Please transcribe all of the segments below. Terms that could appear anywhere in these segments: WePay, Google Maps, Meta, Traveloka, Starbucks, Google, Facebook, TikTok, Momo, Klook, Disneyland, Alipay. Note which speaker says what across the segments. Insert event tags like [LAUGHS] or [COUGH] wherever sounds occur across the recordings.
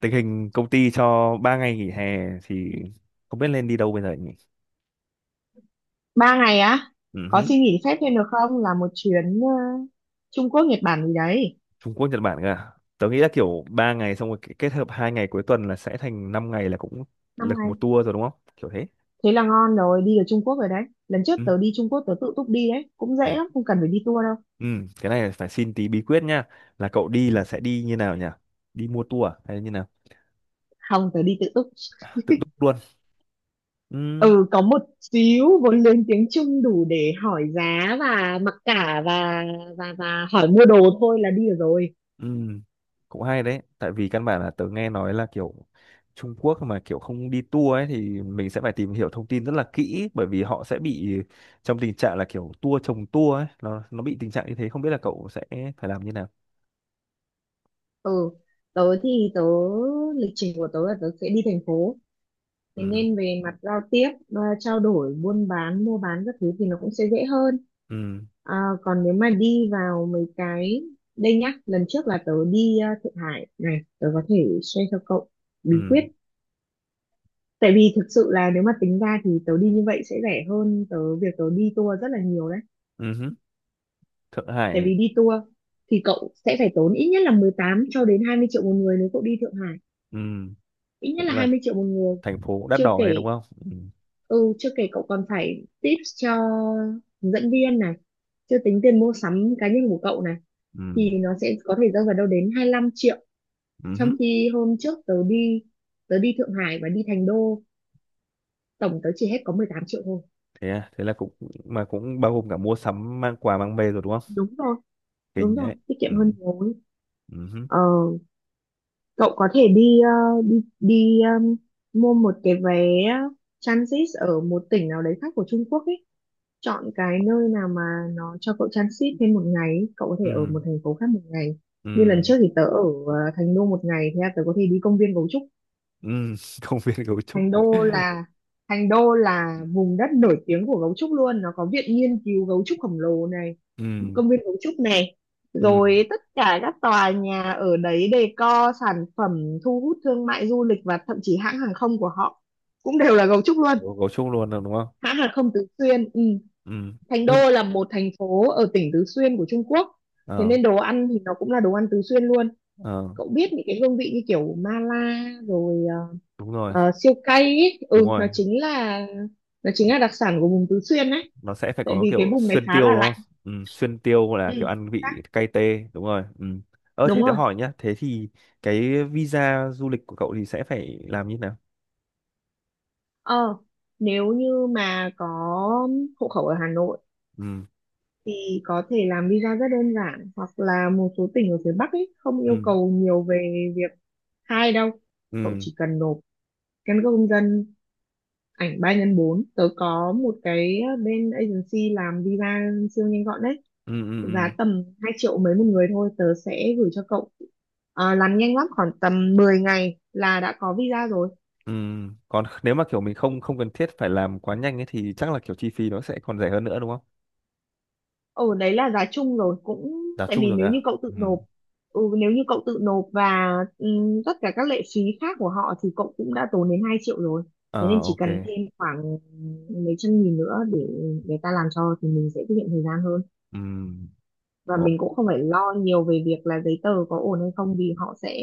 Speaker 1: Tình hình công ty cho 3 ngày nghỉ hè thì không biết nên đi đâu bây giờ nhỉ.
Speaker 2: Ba ngày á?
Speaker 1: Ừ
Speaker 2: Có
Speaker 1: hứ.
Speaker 2: xin nghỉ phép thêm được không, là một chuyến Trung Quốc Nhật Bản gì đấy.
Speaker 1: Trung Quốc Nhật Bản cơ à? Tớ nghĩ là kiểu 3 ngày xong rồi kết hợp hai ngày cuối tuần là sẽ thành 5 ngày là cũng
Speaker 2: Năm
Speaker 1: lực
Speaker 2: ngày,
Speaker 1: một tour rồi đúng không, kiểu thế.
Speaker 2: thế là ngon rồi, đi được Trung Quốc rồi đấy. Lần trước
Speaker 1: Ừ.
Speaker 2: tớ đi Trung Quốc tớ tự túc đi đấy, cũng dễ
Speaker 1: Thế,
Speaker 2: lắm, không cần phải đi tour đâu.
Speaker 1: ừ. Cái này phải xin tí bí quyết nha, là cậu đi là sẽ đi như nào nhỉ? Đi mua tour à? Hay như nào?
Speaker 2: Không, tớ đi tự túc.
Speaker 1: Tự
Speaker 2: [LAUGHS]
Speaker 1: túc luôn. Ừ.
Speaker 2: Ừ, có một xíu vốn lên tiếng Trung đủ để hỏi giá và mặc cả và hỏi mua đồ thôi là đi được rồi.
Speaker 1: Ừ, cũng hay đấy, tại vì căn bản là tớ nghe nói là kiểu Trung Quốc mà kiểu không đi tour ấy thì mình sẽ phải tìm hiểu thông tin rất là kỹ, bởi vì họ sẽ bị trong tình trạng là kiểu tour chồng tour ấy, nó bị tình trạng như thế, không biết là cậu sẽ phải làm như nào.
Speaker 2: Ừ, tớ lịch trình của tớ là tớ sẽ đi thành phố, thế
Speaker 1: Ừ,
Speaker 2: nên về mặt giao tiếp, trao đổi buôn bán mua bán các thứ thì nó cũng sẽ dễ hơn.
Speaker 1: ừ,
Speaker 2: À, còn nếu mà đi vào mấy cái, đây nhá, lần trước là tớ đi Thượng Hải này, tớ có thể share cho cậu bí quyết,
Speaker 1: ừ,
Speaker 2: tại vì thực sự là nếu mà tính ra thì tớ đi như vậy sẽ rẻ hơn tớ việc tớ đi tour rất là nhiều đấy.
Speaker 1: ừ, hứ. Thượng
Speaker 2: Tại
Speaker 1: Hải.
Speaker 2: vì đi tour thì cậu sẽ phải tốn ít nhất là 18 cho đến 20 triệu một người nếu cậu đi Thượng Hải,
Speaker 1: Ừ,
Speaker 2: ít nhất
Speaker 1: cũng
Speaker 2: là hai
Speaker 1: là
Speaker 2: mươi triệu một người.
Speaker 1: thành phố đắt
Speaker 2: Chưa
Speaker 1: đỏ ấy
Speaker 2: kể,
Speaker 1: đúng không? Ừ,
Speaker 2: ừ, chưa kể cậu còn phải tips cho hướng dẫn viên này, chưa tính tiền mua sắm cá nhân của cậu này,
Speaker 1: ừ,
Speaker 2: thì nó sẽ có thể rơi vào đâu đến 25 triệu.
Speaker 1: ừ, hứ.
Speaker 2: Trong khi hôm trước tớ đi Thượng Hải và đi Thành Đô, tổng tớ chỉ hết có 18 triệu thôi.
Speaker 1: Thế à, thế là cũng mà cũng bao gồm cả mua sắm mang quà mang về rồi đúng không?
Speaker 2: Đúng rồi, đúng
Speaker 1: Kinh
Speaker 2: rồi,
Speaker 1: đấy.
Speaker 2: tiết
Speaker 1: Ừ,
Speaker 2: kiệm hơn nhiều ấy.
Speaker 1: ừ, hứ.
Speaker 2: Ờ, cậu có thể đi ờ, đi đi mua một cái vé transit ở một tỉnh nào đấy khác của Trung Quốc ý. Chọn cái nơi nào mà nó cho cậu transit thêm một ngày ý, cậu có thể ở
Speaker 1: Ừ.
Speaker 2: một thành phố khác một ngày. Như lần
Speaker 1: Ừ.
Speaker 2: trước thì tớ ở Thành Đô một ngày, thế là tớ có thể đi công viên gấu trúc.
Speaker 1: Ừ, [LAUGHS] công viên gấu trúc.
Speaker 2: Thành đô là thành đô là vùng đất nổi tiếng của gấu trúc luôn, nó có viện nghiên cứu gấu trúc khổng lồ này,
Speaker 1: Ừ,
Speaker 2: công viên gấu trúc này,
Speaker 1: ừ,
Speaker 2: rồi tất cả các tòa nhà ở đấy decor sản phẩm thu hút thương mại du lịch, và thậm chí hãng hàng không của họ cũng đều là gấu trúc luôn.
Speaker 1: gấu trúc luôn rồi đúng không.
Speaker 2: Hãng hàng không Tứ Xuyên, ừ.
Speaker 1: Ừ.
Speaker 2: Thành
Speaker 1: Ơ,
Speaker 2: Đô là một thành phố ở tỉnh Tứ Xuyên của Trung Quốc, thế
Speaker 1: ờ,
Speaker 2: nên đồ ăn thì nó cũng là đồ ăn Tứ Xuyên luôn.
Speaker 1: ờ,
Speaker 2: Cậu biết những cái hương vị như kiểu mala rồi,
Speaker 1: đúng rồi,
Speaker 2: siêu cay ấy.
Speaker 1: đúng
Speaker 2: Ừ, nó
Speaker 1: rồi,
Speaker 2: chính là nó chính là đặc sản của vùng Tứ Xuyên đấy,
Speaker 1: nó sẽ phải
Speaker 2: tại
Speaker 1: có
Speaker 2: vì cái
Speaker 1: kiểu
Speaker 2: vùng này
Speaker 1: xuyên
Speaker 2: khá
Speaker 1: tiêu
Speaker 2: là
Speaker 1: đúng
Speaker 2: lạnh.
Speaker 1: không, ừ, xuyên tiêu là
Speaker 2: Ừ,
Speaker 1: kiểu ăn
Speaker 2: chính
Speaker 1: vị
Speaker 2: xác.
Speaker 1: cay tê, đúng rồi, ừ. Ờ thế
Speaker 2: Đúng
Speaker 1: tớ
Speaker 2: rồi.
Speaker 1: hỏi nhá, thế thì cái visa du lịch của cậu thì sẽ phải làm như thế nào?
Speaker 2: ờ Nếu như mà có hộ khẩu ở Hà Nội
Speaker 1: Ừ,
Speaker 2: thì có thể làm visa rất đơn giản, hoặc là một số tỉnh ở phía Bắc ấy không yêu
Speaker 1: ừ,
Speaker 2: cầu nhiều về việc khai đâu. Cậu
Speaker 1: ừ,
Speaker 2: chỉ cần nộp căn cước công dân, ảnh 3x4. Tớ có một cái bên agency làm visa siêu nhanh gọn đấy,
Speaker 1: ừ, ừ, ừ.
Speaker 2: giá tầm 2 triệu mấy một người thôi, tớ sẽ gửi cho cậu. Ờ, làm nhanh lắm, khoảng tầm 10 ngày là đã có visa rồi.
Speaker 1: Ừ. Còn [LAUGHS] nếu mà kiểu mình không không cần thiết phải làm quá nhanh ấy thì chắc là kiểu chi phí nó sẽ còn rẻ hơn nữa đúng không?
Speaker 2: Ừ, đấy là giá chung rồi, cũng
Speaker 1: Giá
Speaker 2: tại
Speaker 1: chung
Speaker 2: vì
Speaker 1: rồi
Speaker 2: nếu như
Speaker 1: à?
Speaker 2: cậu tự
Speaker 1: Ừ.
Speaker 2: nộp, ừ, nếu như cậu tự nộp và tất cả các lệ phí khác của họ thì cậu cũng đã tốn đến 2 triệu rồi. Thế nên
Speaker 1: Ờ,
Speaker 2: chỉ
Speaker 1: ok.
Speaker 2: cần thêm khoảng mấy trăm nghìn nữa để người ta làm cho thì mình sẽ tiết kiệm thời gian hơn,
Speaker 1: Ừ.
Speaker 2: và
Speaker 1: Ồ,
Speaker 2: mình cũng không phải lo nhiều về việc là giấy tờ có ổn hay không, vì họ sẽ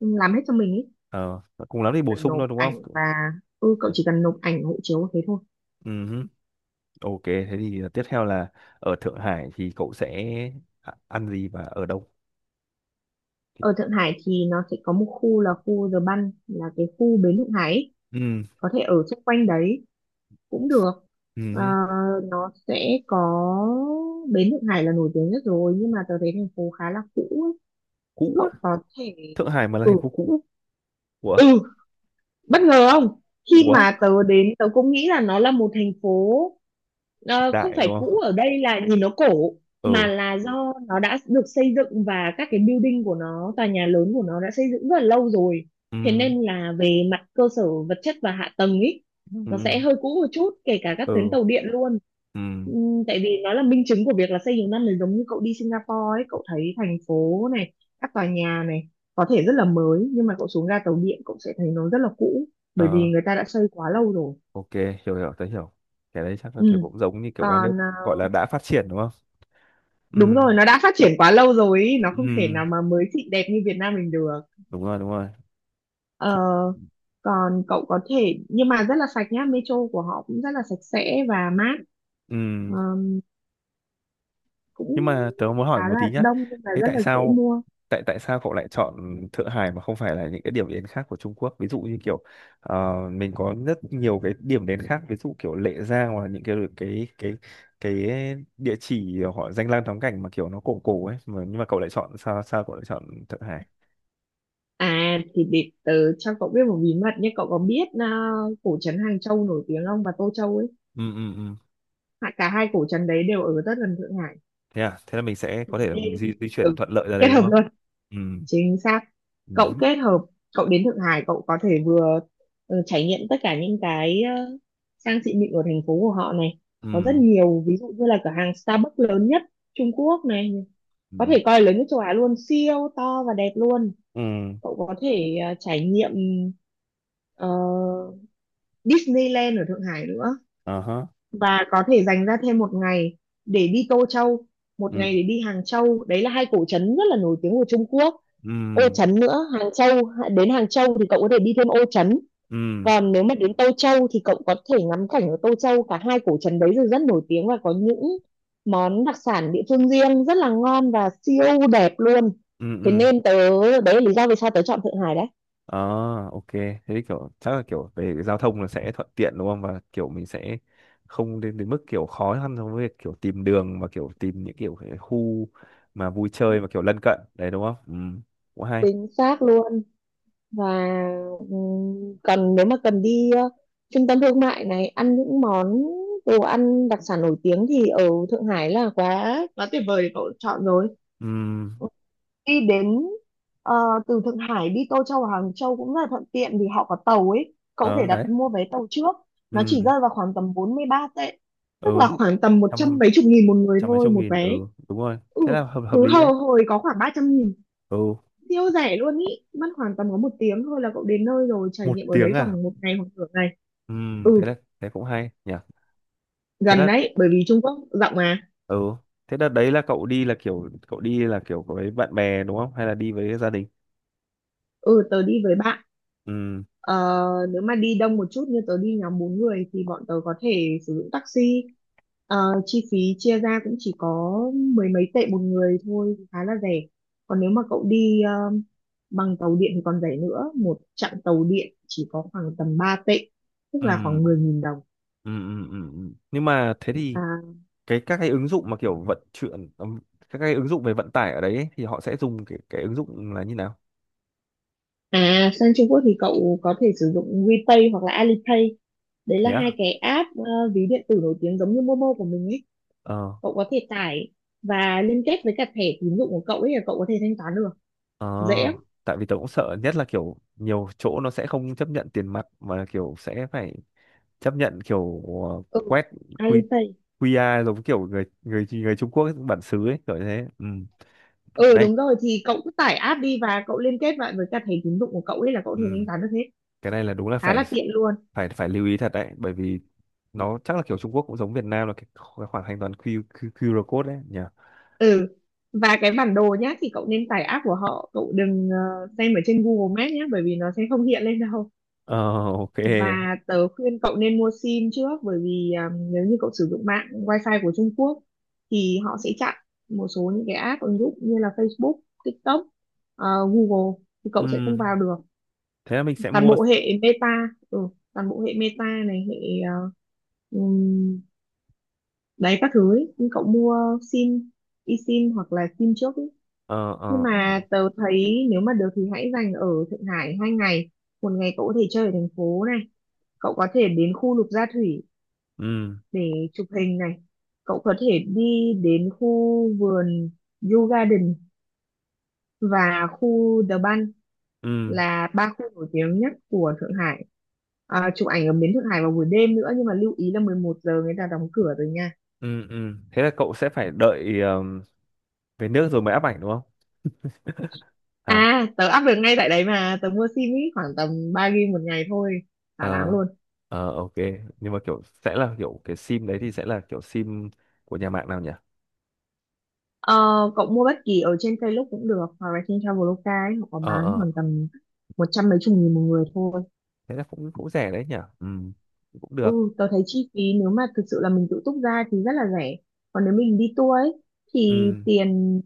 Speaker 2: làm hết cho mình ý.
Speaker 1: ờ, cùng
Speaker 2: Chỉ
Speaker 1: lắm thì bổ
Speaker 2: cần
Speaker 1: sung
Speaker 2: nộp
Speaker 1: thôi đúng không?
Speaker 2: ảnh và, ừ, cậu
Speaker 1: Ừ.
Speaker 2: chỉ cần nộp ảnh hộ chiếu thế thôi.
Speaker 1: Ừ, ok, thế thì tiếp theo là ở Thượng Hải thì cậu sẽ ăn gì và ở đâu?
Speaker 2: Ở Thượng Hải thì nó sẽ có một khu là khu The Bund, là cái khu bến Thượng Hải ý,
Speaker 1: Ừ.
Speaker 2: có thể ở xung quanh đấy cũng được. Ờ,
Speaker 1: Ừ.
Speaker 2: nó sẽ có bến Thượng Hải là nổi tiếng nhất rồi, nhưng mà tớ thấy thành phố khá là cũ ấy.
Speaker 1: Cũ
Speaker 2: Cậu
Speaker 1: á,
Speaker 2: có thể,
Speaker 1: Thượng Hải mà là
Speaker 2: ừ,
Speaker 1: thành phố cũ. Ủa?
Speaker 2: ừ, bất ngờ không? Khi
Speaker 1: Ủa?
Speaker 2: mà tớ đến tớ cũng nghĩ là nó là một thành phố, không
Speaker 1: Đại đúng
Speaker 2: phải cũ
Speaker 1: không?
Speaker 2: ở đây là nhìn nó cổ, mà
Speaker 1: Ừ.
Speaker 2: là do nó đã được xây dựng và các cái building của nó, tòa nhà lớn của nó đã xây dựng rất là lâu rồi.
Speaker 1: Ừ.
Speaker 2: Thế nên là về mặt cơ sở vật chất và hạ tầng ý, nó
Speaker 1: Ừ.
Speaker 2: sẽ hơi cũ một chút, kể cả các tuyến
Speaker 1: Ừ.
Speaker 2: tàu điện luôn.
Speaker 1: Ừ.
Speaker 2: Tại vì nó là minh chứng của việc là xây nhiều năm, là giống như cậu đi Singapore ấy, cậu thấy thành phố này, các tòa nhà này có thể rất là mới nhưng mà cậu xuống ga tàu điện cậu sẽ thấy nó rất là cũ, bởi
Speaker 1: Ờ,
Speaker 2: vì người ta đã xây quá lâu rồi.
Speaker 1: ok, hiểu hiểu, tớ hiểu. Cái đấy chắc là kiểu
Speaker 2: Ừ.
Speaker 1: cũng giống như kiểu các nước
Speaker 2: Còn à,
Speaker 1: gọi là đã phát triển đúng không?
Speaker 2: đúng
Speaker 1: Ừ.
Speaker 2: rồi, nó đã phát triển quá lâu rồi ý, nó không thể
Speaker 1: Ừ.
Speaker 2: nào mà mới xịn đẹp như Việt Nam mình được.
Speaker 1: Đúng rồi, đúng rồi.
Speaker 2: Ờ,
Speaker 1: Thì,
Speaker 2: còn cậu có thể, nhưng mà rất là sạch nhá, metro của họ cũng rất là sạch sẽ và mát. Ờ,
Speaker 1: ừ.
Speaker 2: cũng
Speaker 1: Nhưng mà tớ muốn hỏi
Speaker 2: khá
Speaker 1: một tí
Speaker 2: là
Speaker 1: nhá,
Speaker 2: đông nhưng mà
Speaker 1: thế
Speaker 2: rất
Speaker 1: tại
Speaker 2: là dễ
Speaker 1: sao,
Speaker 2: mua.
Speaker 1: tại tại sao cậu lại chọn Thượng Hải mà không phải là những cái điểm đến khác của Trung Quốc, ví dụ như kiểu mình có rất nhiều cái điểm đến khác, ví dụ kiểu Lệ Giang, hoặc là những cái địa chỉ họ danh lam thắng cảnh mà kiểu nó cổ cổ ấy mà, nhưng mà cậu lại chọn, sao sao cậu lại chọn Thượng Hải?
Speaker 2: À thì để tớ cho cậu biết một bí mật nhé, cậu có biết à, cổ trấn Hàng Châu nổi tiếng không và Tô Châu ấy?
Speaker 1: Ừ, ừ, ừ,
Speaker 2: Cả hai cổ trấn đấy đều ở rất gần Thượng Hải
Speaker 1: thế à, thế là mình sẽ có thể là mình di,
Speaker 2: nên,
Speaker 1: di chuyển
Speaker 2: ừ,
Speaker 1: thuận lợi ra đây
Speaker 2: kết
Speaker 1: đúng
Speaker 2: hợp
Speaker 1: không?
Speaker 2: luôn.
Speaker 1: Ừ,
Speaker 2: Chính xác, cậu
Speaker 1: ừ,
Speaker 2: kết hợp, cậu đến Thượng Hải cậu có thể vừa, ừ, trải nghiệm tất cả những cái, sang xịn mịn của thành phố của họ này.
Speaker 1: ừ,
Speaker 2: Có rất nhiều, ví dụ như là cửa hàng Starbucks lớn nhất Trung Quốc này,
Speaker 1: ừ,
Speaker 2: có thể coi là lớn nhất châu Á luôn, siêu to và đẹp luôn.
Speaker 1: ừ.
Speaker 2: Cậu có thể trải nghiệm ờ, Disneyland ở Thượng Hải nữa,
Speaker 1: Ờ hả.
Speaker 2: và có thể dành ra thêm một ngày để đi Tô Châu, một ngày
Speaker 1: Ừ,
Speaker 2: để đi Hàng Châu. Đấy là hai cổ trấn rất là nổi tiếng của Trung Quốc.
Speaker 1: ừ,
Speaker 2: Ô Trấn nữa, Hàng Châu, đến Hàng Châu thì cậu có thể đi thêm Ô Trấn.
Speaker 1: ừ,
Speaker 2: Còn nếu mà đến Tô Châu thì cậu có thể ngắm cảnh ở Tô Châu, cả hai cổ trấn đấy đều rất nổi tiếng và có những món đặc sản địa phương riêng rất là ngon và siêu đẹp luôn.
Speaker 1: ừ.
Speaker 2: Thế
Speaker 1: Ừ.
Speaker 2: nên tớ, đấy là lý do vì sao tớ chọn Thượng Hải đấy.
Speaker 1: À, ok. Thế kiểu chắc là kiểu về cái giao thông là sẽ thuận tiện đúng không? Và kiểu mình sẽ không đến đến mức kiểu khó khăn trong việc kiểu tìm đường và kiểu tìm những kiểu cái khu mà vui chơi và kiểu lân cận đấy đúng không? Ừ, cũng hay.
Speaker 2: Chính xác luôn. Và còn nếu mà cần đi trung tâm thương mại này, ăn những món đồ ăn đặc sản nổi tiếng thì ở Thượng Hải là quá quá tuyệt vời để cậu chọn rồi.
Speaker 1: Ừ,
Speaker 2: Đi đến ờ, từ Thượng Hải đi Tô Châu hoặc Hàng Châu cũng rất là thuận tiện vì họ có tàu ấy, cậu có
Speaker 1: ờ
Speaker 2: thể
Speaker 1: đấy.
Speaker 2: đặt mua vé tàu trước, nó
Speaker 1: Ừ,
Speaker 2: chỉ rơi vào khoảng tầm 43 tệ,
Speaker 1: ừ,
Speaker 2: tức là khoảng tầm một trăm
Speaker 1: trăm,
Speaker 2: mấy chục nghìn một người
Speaker 1: trăm mấy
Speaker 2: thôi
Speaker 1: chục
Speaker 2: một
Speaker 1: nghìn. Ừ,
Speaker 2: vé.
Speaker 1: đúng rồi.
Speaker 2: Ừ,
Speaker 1: Thế là hợp hợp
Speaker 2: cứ
Speaker 1: lý đấy.
Speaker 2: hầu hồi có khoảng 300 nghìn,
Speaker 1: Ừ,
Speaker 2: siêu rẻ luôn ý, mất khoảng tầm có một tiếng thôi là cậu đến nơi rồi, trải
Speaker 1: một
Speaker 2: nghiệm ở
Speaker 1: tiếng
Speaker 2: đấy
Speaker 1: à?
Speaker 2: khoảng một ngày hoặc nửa ngày.
Speaker 1: Ừ, thế
Speaker 2: Ừ,
Speaker 1: là thế cũng hay nhỉ. Thế
Speaker 2: gần
Speaker 1: là
Speaker 2: đấy bởi vì Trung Quốc rộng mà.
Speaker 1: ừ, thế đợt đấy là cậu đi là kiểu cậu đi là kiểu với bạn bè đúng không? Hay là đi với gia đình?
Speaker 2: Ừ, tớ đi với bạn.
Speaker 1: Ừ.
Speaker 2: ờ, Nếu mà đi đông một chút như tớ đi nhóm 4 người thì bọn tớ có thể sử dụng taxi. Ờ, chi phí chia ra cũng chỉ có mười mấy tệ một người thôi, khá là rẻ. Còn nếu mà cậu đi bằng tàu điện thì còn rẻ nữa, một chặng tàu điện chỉ có khoảng tầm 3 tệ, tức là
Speaker 1: Ừ,
Speaker 2: khoảng 10 nghìn đồng.
Speaker 1: ừ, ừ, ừ. Ừ. Nhưng mà thế thì
Speaker 2: À,
Speaker 1: các cái ứng dụng mà kiểu vận chuyển các cái ứng dụng về vận tải ở đấy ấy, thì họ sẽ dùng cái ứng dụng là như nào?
Speaker 2: à, sang Trung Quốc thì cậu có thể sử dụng WePay hoặc là Alipay. Đấy là
Speaker 1: Thế
Speaker 2: hai
Speaker 1: à?
Speaker 2: cái app, ví điện tử nổi tiếng giống như Momo của mình ấy.
Speaker 1: Ờ,
Speaker 2: Cậu có thể tải và liên kết với cả thẻ tín dụng của cậu ấy là cậu có thể thanh toán được.
Speaker 1: ờ.
Speaker 2: Dễ lắm.
Speaker 1: Tại vì tớ cũng sợ nhất là kiểu nhiều chỗ nó sẽ không chấp nhận tiền mặt mà kiểu sẽ phải chấp nhận kiểu
Speaker 2: Ừ.
Speaker 1: quét quy
Speaker 2: Alipay.
Speaker 1: QR giống kiểu người người người Trung Quốc bản xứ ấy kiểu như thế. Ừ. Cái
Speaker 2: Ừ
Speaker 1: này,
Speaker 2: đúng rồi, thì cậu cứ tải app đi và cậu liên kết lại với cả thẻ tín dụng của cậu ấy là cậu có thể thanh
Speaker 1: ừ.
Speaker 2: toán được hết.
Speaker 1: Cái này là đúng là
Speaker 2: Khá
Speaker 1: phải
Speaker 2: là tiện luôn.
Speaker 1: phải phải lưu ý thật đấy, bởi vì nó chắc là kiểu Trung Quốc cũng giống Việt Nam là cái khoảng thanh toán Q, Q, QR code đấy nhỉ.
Speaker 2: Ừ. Và cái bản đồ nhá, thì cậu nên tải app của họ, cậu đừng xem ở trên Google Maps nhé, bởi vì nó sẽ không hiện lên đâu.
Speaker 1: Ờ, ok.
Speaker 2: Và tớ khuyên cậu nên mua sim trước, bởi vì à, nếu như cậu sử dụng mạng wifi của Trung Quốc thì họ sẽ chặn một số những cái app ứng dụng như là Facebook, TikTok, Google thì cậu sẽ không
Speaker 1: Ừm,
Speaker 2: vào được.
Speaker 1: thế là mình sẽ
Speaker 2: Toàn
Speaker 1: mua.
Speaker 2: bộ hệ Meta, ừ, toàn bộ hệ Meta này, hệ ờ, ừm, đấy các thứ ấy. Nhưng cậu mua sim, eSIM hoặc là sim trước ấy.
Speaker 1: Ờ,
Speaker 2: Nhưng
Speaker 1: ờ, ờ.
Speaker 2: mà tớ thấy nếu mà được thì hãy dành ở Thượng Hải 2 ngày. Một ngày cậu có thể chơi ở thành phố này, cậu có thể đến khu Lục Gia Thủy
Speaker 1: Ừm,
Speaker 2: để chụp hình này. Cậu có thể đi đến khu vườn Yew Garden và khu The Bund,
Speaker 1: ừm,
Speaker 2: là ba khu nổi tiếng nhất của Thượng Hải. À, chụp ảnh ở bến Thượng Hải vào buổi đêm nữa, nhưng mà lưu ý là 11 giờ người ta đóng cửa rồi nha.
Speaker 1: Thế là cậu sẽ phải đợi về nước rồi mới áp ảnh đúng không? À,
Speaker 2: À, tớ up được ngay tại đấy mà, tớ mua sim ý, khoảng tầm 3 gig một ngày thôi, thả láng
Speaker 1: ờ,
Speaker 2: luôn.
Speaker 1: ờ, ok. Nhưng mà kiểu sẽ là kiểu cái sim đấy thì sẽ là kiểu sim của nhà mạng nào nhỉ?
Speaker 2: Ờ, cậu mua bất kỳ ở trên Klook cũng được, hoặc là trên Traveloka ấy, họ có
Speaker 1: Ờ,
Speaker 2: bán
Speaker 1: ờ,
Speaker 2: khoảng tầm một trăm mấy chục nghìn một người thôi.
Speaker 1: thế là cũng cũng rẻ đấy nhỉ. Cũng
Speaker 2: Ừ,
Speaker 1: được.
Speaker 2: tớ thấy chi phí nếu mà thực sự là mình tự túc ra thì rất là rẻ. Còn nếu mình đi tour ấy thì
Speaker 1: Ừm,
Speaker 2: tiền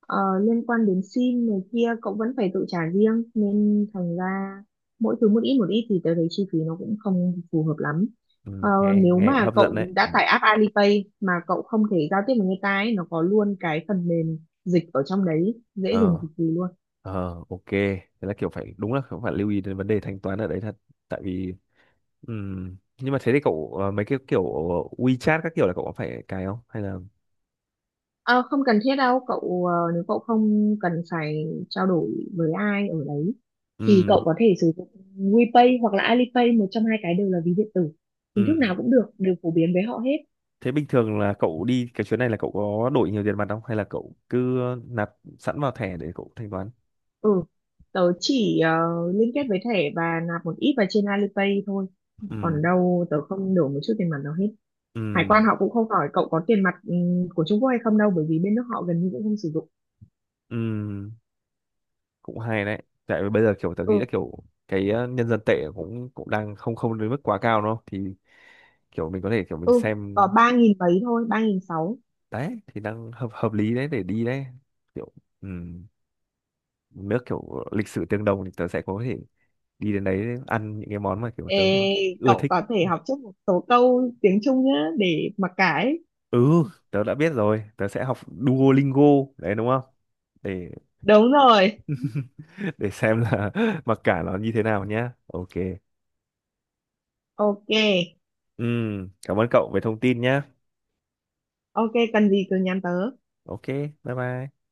Speaker 2: liên quan đến sim này kia cậu vẫn phải tự trả riêng, nên thành ra mỗi thứ một ít thì tớ thấy chi phí nó cũng không phù hợp lắm. Ờ,
Speaker 1: nghe
Speaker 2: nếu
Speaker 1: nghe cũng
Speaker 2: mà
Speaker 1: hấp dẫn đấy.
Speaker 2: cậu đã tải app Alipay mà cậu không thể giao tiếp với người ta ấy, nó có luôn cái phần mềm dịch ở trong đấy, dễ dùng
Speaker 1: Ờ,
Speaker 2: cực kỳ luôn.
Speaker 1: ờ, ok. Thế là kiểu phải đúng là cũng phải lưu ý đến vấn đề thanh toán ở đấy thật. Tại vì nhưng mà thế thì cậu mấy cái kiểu WeChat các kiểu là cậu có phải cài không? Hay là
Speaker 2: Ờ, không cần thiết đâu cậu, nếu cậu không cần phải trao đổi với ai ở đấy thì cậu
Speaker 1: ừm,
Speaker 2: có thể sử dụng WePay hoặc là Alipay, một trong hai cái đều là ví điện tử, hình thức nào
Speaker 1: ừm.
Speaker 2: cũng được, đều phổ biến với họ hết.
Speaker 1: Thế bình thường là cậu đi cái chuyến này là cậu có đổi nhiều tiền mặt không? Hay là cậu cứ nạp sẵn vào thẻ để cậu thanh toán?
Speaker 2: Ừ, tớ chỉ liên kết với thẻ và nạp một ít vào trên Alipay thôi.
Speaker 1: Ừm,
Speaker 2: Còn đâu tớ không đổ một chút tiền mặt nào hết. Hải quan
Speaker 1: ừm,
Speaker 2: họ cũng không hỏi cậu có tiền mặt của Trung Quốc hay không đâu, bởi vì bên nước họ gần như cũng không sử dụng.
Speaker 1: ừm. Cũng hay đấy. Tại vì bây giờ kiểu tớ nghĩ là
Speaker 2: Ừ,
Speaker 1: kiểu cái nhân dân tệ cũng cũng đang không không đến mức quá cao đúng không? Thì kiểu mình có thể kiểu mình
Speaker 2: ừ,
Speaker 1: xem
Speaker 2: có 3.000 mấy thôi, 3.600.
Speaker 1: đấy thì đang hợp hợp lý đấy để đi đấy kiểu ừm, nước kiểu lịch sử tương đồng thì tớ sẽ có thể đi đến đấy ăn những cái món mà kiểu tớ
Speaker 2: Ê,
Speaker 1: ưa
Speaker 2: cậu
Speaker 1: thích.
Speaker 2: có thể học trước một số câu tiếng Trung nhá để mặc cái.
Speaker 1: Ừ, tớ đã biết rồi, tớ sẽ học Duolingo đấy đúng không, để
Speaker 2: Đúng rồi,
Speaker 1: [LAUGHS] để xem là [LAUGHS] mặc cả nó như thế nào nhá, ok.
Speaker 2: ok.
Speaker 1: Cảm ơn cậu về thông tin nhá.
Speaker 2: Ok, cần gì cứ nhắn tớ.
Speaker 1: Ok, bye bye.